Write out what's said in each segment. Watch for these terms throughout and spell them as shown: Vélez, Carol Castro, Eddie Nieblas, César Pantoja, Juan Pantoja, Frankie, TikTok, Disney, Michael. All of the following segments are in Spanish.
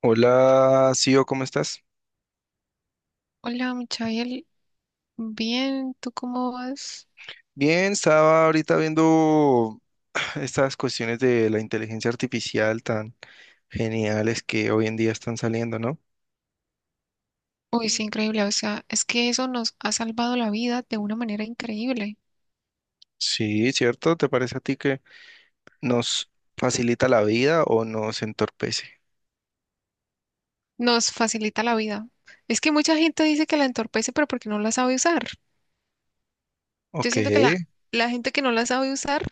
Hola, Sio, ¿cómo estás? Hola, Michael. Bien, ¿tú cómo vas? Bien, estaba ahorita viendo estas cuestiones de la inteligencia artificial tan geniales que hoy en día están saliendo, ¿no? Uy, es increíble. O sea, es que eso nos ha salvado la vida de una manera increíble. Sí, ¿cierto? ¿Te parece a ti que nos facilita la vida o nos entorpece? Nos facilita la vida. Es que mucha gente dice que la entorpece, pero porque no la sabe usar. Yo Ok, siento que la gente que no la sabe usar,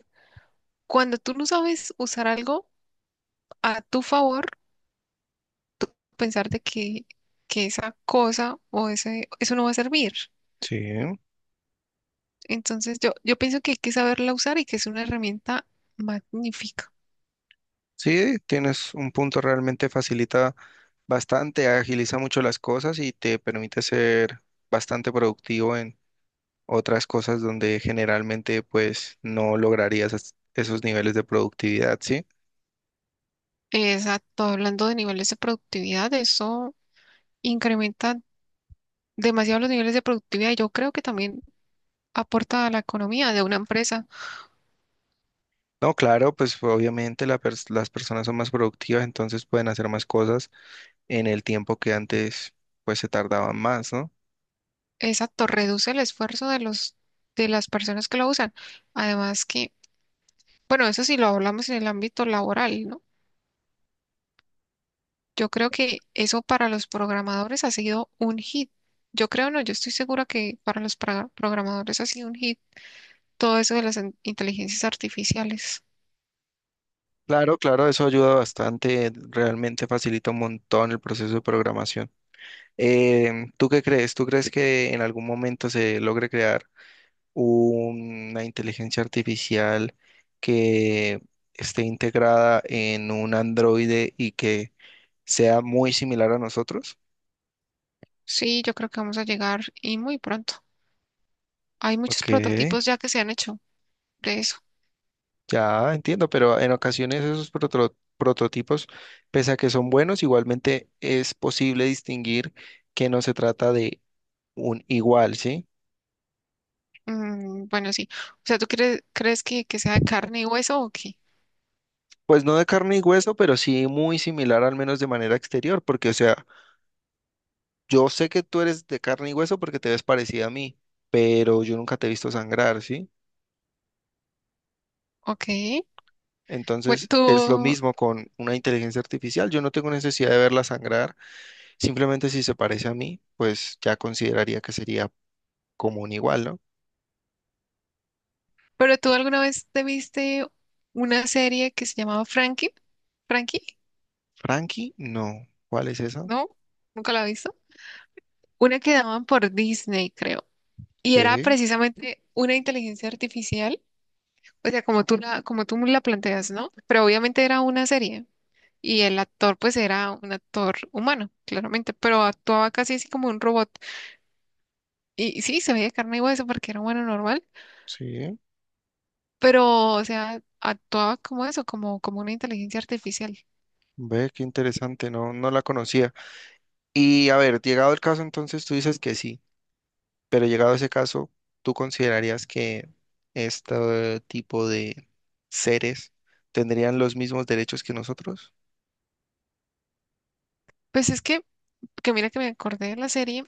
cuando tú no sabes usar algo a tu favor, pensar de que esa cosa o eso no va a servir. sí, Entonces, yo pienso que hay que saberla usar y que es una herramienta magnífica. sí, tienes un punto, realmente facilita bastante, agiliza mucho las cosas y te permite ser bastante productivo otras cosas donde generalmente pues no lograrías esos niveles de productividad, ¿sí? Exacto, hablando de niveles de productividad, eso incrementa demasiado los niveles de productividad y yo creo que también aporta a la economía de una empresa. No, claro, pues obviamente las personas son más productivas, entonces pueden hacer más cosas en el tiempo que antes pues se tardaban más, ¿no? Exacto, reduce el esfuerzo de los de las personas que lo usan. Además que, bueno, eso sí lo hablamos en el ámbito laboral, ¿no? Yo creo que eso para los programadores ha sido un hit. Yo creo, no, yo estoy segura que para los programadores ha sido un hit todo eso de las inteligencias artificiales. Claro, claro, eso ayuda bastante, realmente facilita un montón el proceso de programación. ¿Tú qué crees? ¿Tú crees que en algún momento se logre crear una inteligencia artificial que esté integrada en un androide y que sea muy similar a nosotros? Sí, yo creo que vamos a llegar y muy pronto. Hay muchos Ok, prototipos ya que se han hecho de eso. ya entiendo, pero en ocasiones esos prototipos, pese a que son buenos, igualmente es posible distinguir que no se trata de un igual, ¿sí? Mm, bueno, sí. O sea, ¿tú crees que sea de carne y hueso o qué? Pues no de carne y hueso, pero sí muy similar, al menos de manera exterior, porque, o sea, yo sé que tú eres de carne y hueso porque te ves parecida a mí, pero yo nunca te he visto sangrar, ¿sí? Ok. Bueno, Entonces es lo tú, mismo con una inteligencia artificial. Yo no tengo necesidad de verla sangrar. Simplemente si se parece a mí, pues ya consideraría que sería común igual, ¿no? pero tú alguna vez te viste una serie que se llamaba ¿Frankie? ¿Frankie? Frankie, no. ¿Cuál es esa? ¿No? ¿Nunca la has visto? Una que daban por Disney, creo. Y era ¿Qué? precisamente una inteligencia artificial. O sea, como tú la planteas, ¿no? Pero obviamente era una serie. Y el actor, pues, era un actor humano, claramente, pero actuaba casi así como un robot. Y sí, se veía carne y hueso porque era bueno normal, Sí. pero, o sea, actuaba como eso, como una inteligencia artificial. Ve, qué interesante. No, no la conocía. Y a ver, llegado el caso, entonces tú dices que sí. Pero llegado a ese caso, ¿tú considerarías que este tipo de seres tendrían los mismos derechos que nosotros? Pues es que mira que me acordé de la serie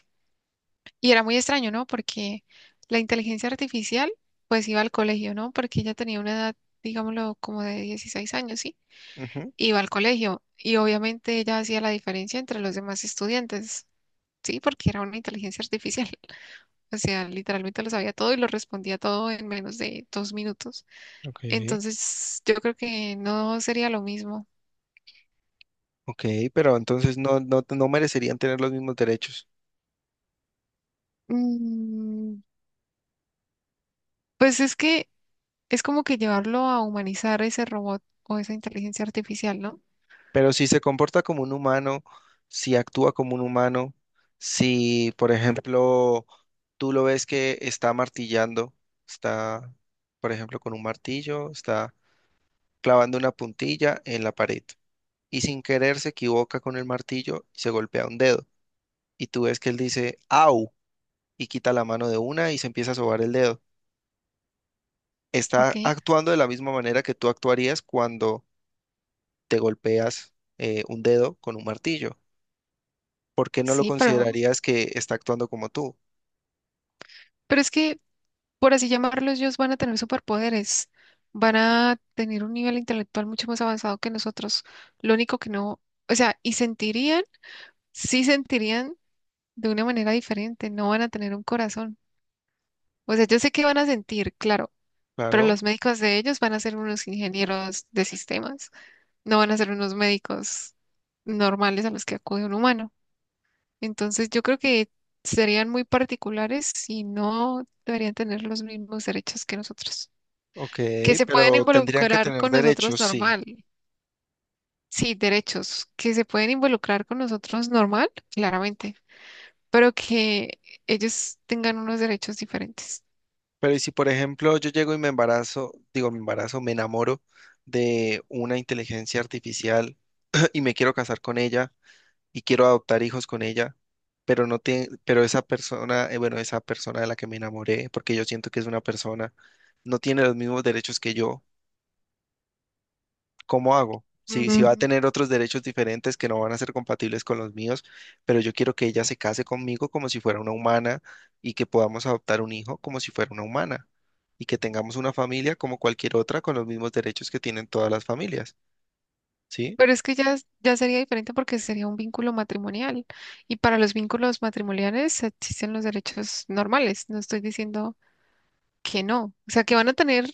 y era muy extraño, ¿no? Porque la inteligencia artificial, pues iba al colegio, ¿no? Porque ella tenía una edad, digámoslo, como de 16 años, ¿sí? Ujú, Iba al colegio y obviamente ella hacía la diferencia entre los demás estudiantes, ¿sí? Porque era una inteligencia artificial. O sea, literalmente lo sabía todo y lo respondía todo en menos de 2 minutos. ok, Entonces, yo creo que no sería lo mismo. ok, pero entonces no, no, no merecerían tener los mismos derechos. Mm, pues es que es como que llevarlo a humanizar ese robot o esa inteligencia artificial, ¿no? Pero si se comporta como un humano, si actúa como un humano, si, por ejemplo, tú lo ves que está martillando, está, por ejemplo, con un martillo, está clavando una puntilla en la pared, y sin querer se equivoca con el martillo y se golpea un dedo. Y tú ves que él dice, au, y quita la mano de una y se empieza a sobar el dedo. Está Ok, actuando de la misma manera que tú actuarías cuando te golpeas un dedo con un martillo. ¿Por qué no lo sí, considerarías que está actuando como tú? pero es que, por así llamarlo, ellos van a tener superpoderes, van a tener un nivel intelectual mucho más avanzado que nosotros. Lo único que no, o sea, y sentirían, sí sentirían de una manera diferente, no van a tener un corazón. O sea, yo sé que van a sentir, claro, pero Claro, los médicos de ellos van a ser unos ingenieros de sistemas, no van a ser unos médicos normales a los que acude un humano. Entonces, yo creo que serían muy particulares y no deberían tener los mismos derechos que nosotros. ok, Que se pueden pero tendrían que involucrar tener con nosotros derechos, sí. normal. Sí, derechos. Que se pueden involucrar con nosotros normal, claramente, pero que ellos tengan unos derechos diferentes. Pero ¿y si, por ejemplo, yo llego y me embarazo, digo, me embarazo, me enamoro de una inteligencia artificial y me quiero casar con ella? Y quiero adoptar hijos con ella, pero no tiene, pero esa persona, bueno, esa persona de la que me enamoré, porque yo siento que es una persona, no tiene los mismos derechos que yo, ¿cómo hago? Si, si va a Mm, tener otros derechos diferentes que no van a ser compatibles con los míos, pero yo quiero que ella se case conmigo como si fuera una humana y que podamos adoptar un hijo como si fuera una humana y que tengamos una familia como cualquier otra con los mismos derechos que tienen todas las familias, ¿sí? pero es que ya, ya sería diferente porque sería un vínculo matrimonial y para los vínculos matrimoniales existen los derechos normales. No estoy diciendo que no. O sea, que van a tener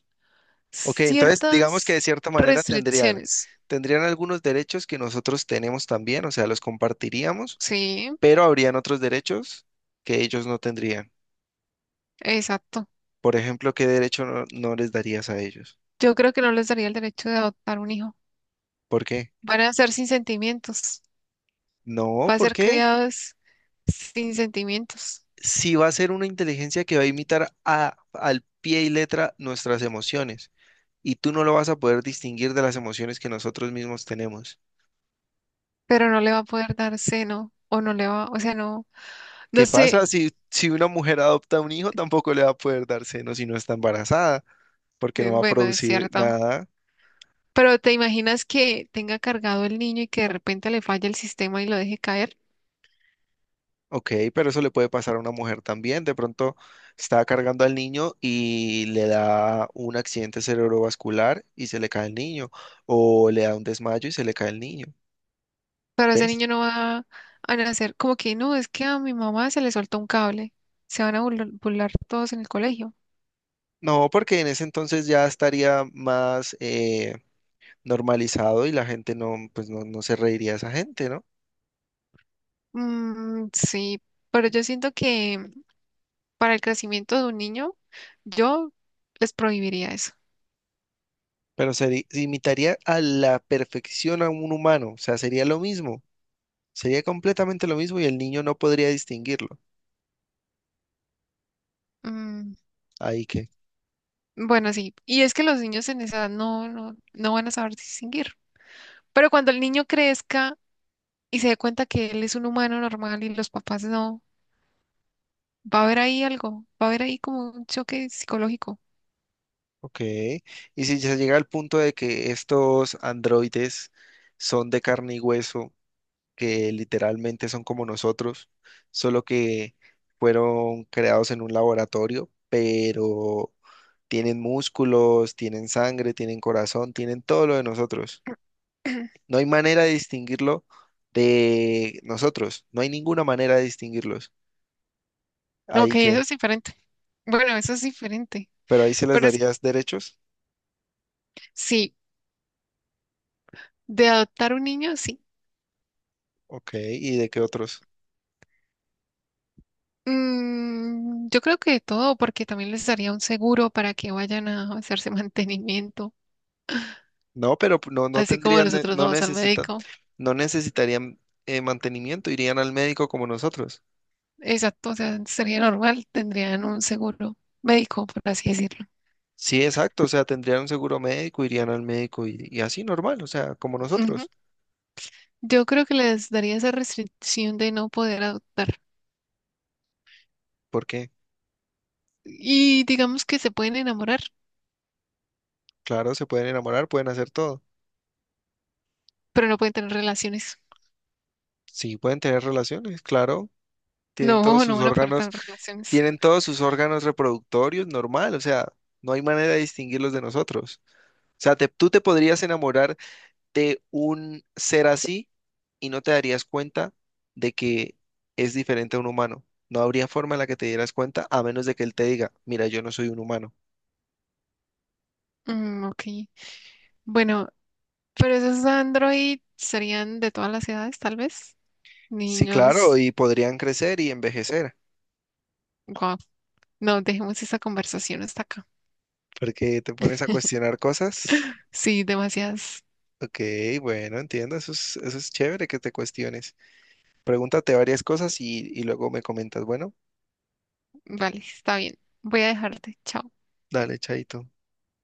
Ok, entonces digamos que de ciertas cierta manera tendrían, restricciones. tendrían algunos derechos que nosotros tenemos también, o sea, los compartiríamos, Sí, pero habrían otros derechos que ellos no tendrían. exacto. Por ejemplo, ¿qué derecho no, no les darías a ellos? Yo creo que no les daría el derecho de adoptar un hijo. ¿Por qué? Van a ser sin sentimientos. No, Va a ¿por ser qué? criados sin sentimientos, Si va a ser una inteligencia que va a imitar a, al pie y letra nuestras emociones, y tú no lo vas a poder distinguir de las emociones que nosotros mismos tenemos. pero no le va a poder dar seno o no le va, o sea, no, ¿Qué no sé. pasa si, si una mujer adopta un hijo? Tampoco le va a poder dar seno si no está embarazada porque no va a Bueno, es producir cierto. nada. Pero ¿te imaginas que tenga cargado el niño y que de repente le falle el sistema y lo deje caer? Ok, pero eso le puede pasar a una mujer también. De pronto está cargando al niño y le da un accidente cerebrovascular y se le cae el niño, o le da un desmayo y se le cae el niño. Pero ese ¿Ves? niño no va a nacer como que no, es que a mi mamá se le soltó un cable. Se van a burlar todos en el colegio. No, porque en ese entonces ya estaría más normalizado y la gente no, pues no, no se reiría a esa gente, ¿no? Mm, sí, pero yo siento que para el crecimiento de un niño, yo les prohibiría eso. Pero se imitaría a la perfección a un humano, o sea, sería lo mismo, sería completamente lo mismo y el niño no podría distinguirlo. Mm, Ahí que. bueno, sí. Y es que los niños en esa edad no van a saber distinguir. Pero cuando el niño crezca y se dé cuenta que él es un humano normal y los papás no. Va a haber ahí algo, va a haber ahí como un choque psicológico. Ok, y si se llega al punto de que estos androides son de carne y hueso, que literalmente son como nosotros, solo que fueron creados en un laboratorio, pero tienen músculos, tienen sangre, tienen corazón, tienen todo lo de nosotros. No hay manera de distinguirlo de nosotros, no hay ninguna manera de distinguirlos. Ok, Ahí eso que, es diferente. Bueno, eso es diferente. pero ahí se les Pero es, darías derechos, sí, de adoptar un niño, sí. ok, ¿y de qué otros? Mm, yo creo que de todo, porque también les daría un seguro para que vayan a hacerse mantenimiento, No, pero no, no así como tendrían, nosotros no vamos al necesitan, médico. no necesitarían mantenimiento, irían al médico como nosotros. Exacto, o sea, sería normal, tendrían un seguro médico, por así decirlo. Sí, exacto, o sea, tendrían un seguro médico, irían al médico y así normal, o sea, como Ujú. nosotros. Yo creo que les daría esa restricción de no poder adoptar. Porque, Y digamos que se pueden enamorar. claro, se pueden enamorar, pueden hacer todo. Pero no pueden tener relaciones. Sí, pueden tener relaciones, claro, tienen todos No, no sus van a poder órganos, tener relaciones. tienen todos sus órganos reproductorios normal, o sea, no hay manera de distinguirlos de nosotros. O sea, tú te podrías enamorar de un ser así y no te darías cuenta de que es diferente a un humano. No habría forma en la que te dieras cuenta a menos de que él te diga, mira, yo no soy un humano. Mm, ok. Bueno, pero esos Android serían de todas las edades, tal vez. Sí, claro, Niños, y podrían crecer y envejecer, guau. No, dejemos esa conversación hasta acá. porque te pones a cuestionar cosas. Sí, demasiadas. Ok, bueno, entiendo, eso es chévere que te cuestiones. Pregúntate varias cosas y luego me comentas. Bueno, Vale, está bien. Voy a dejarte. Chao. dale, chaito.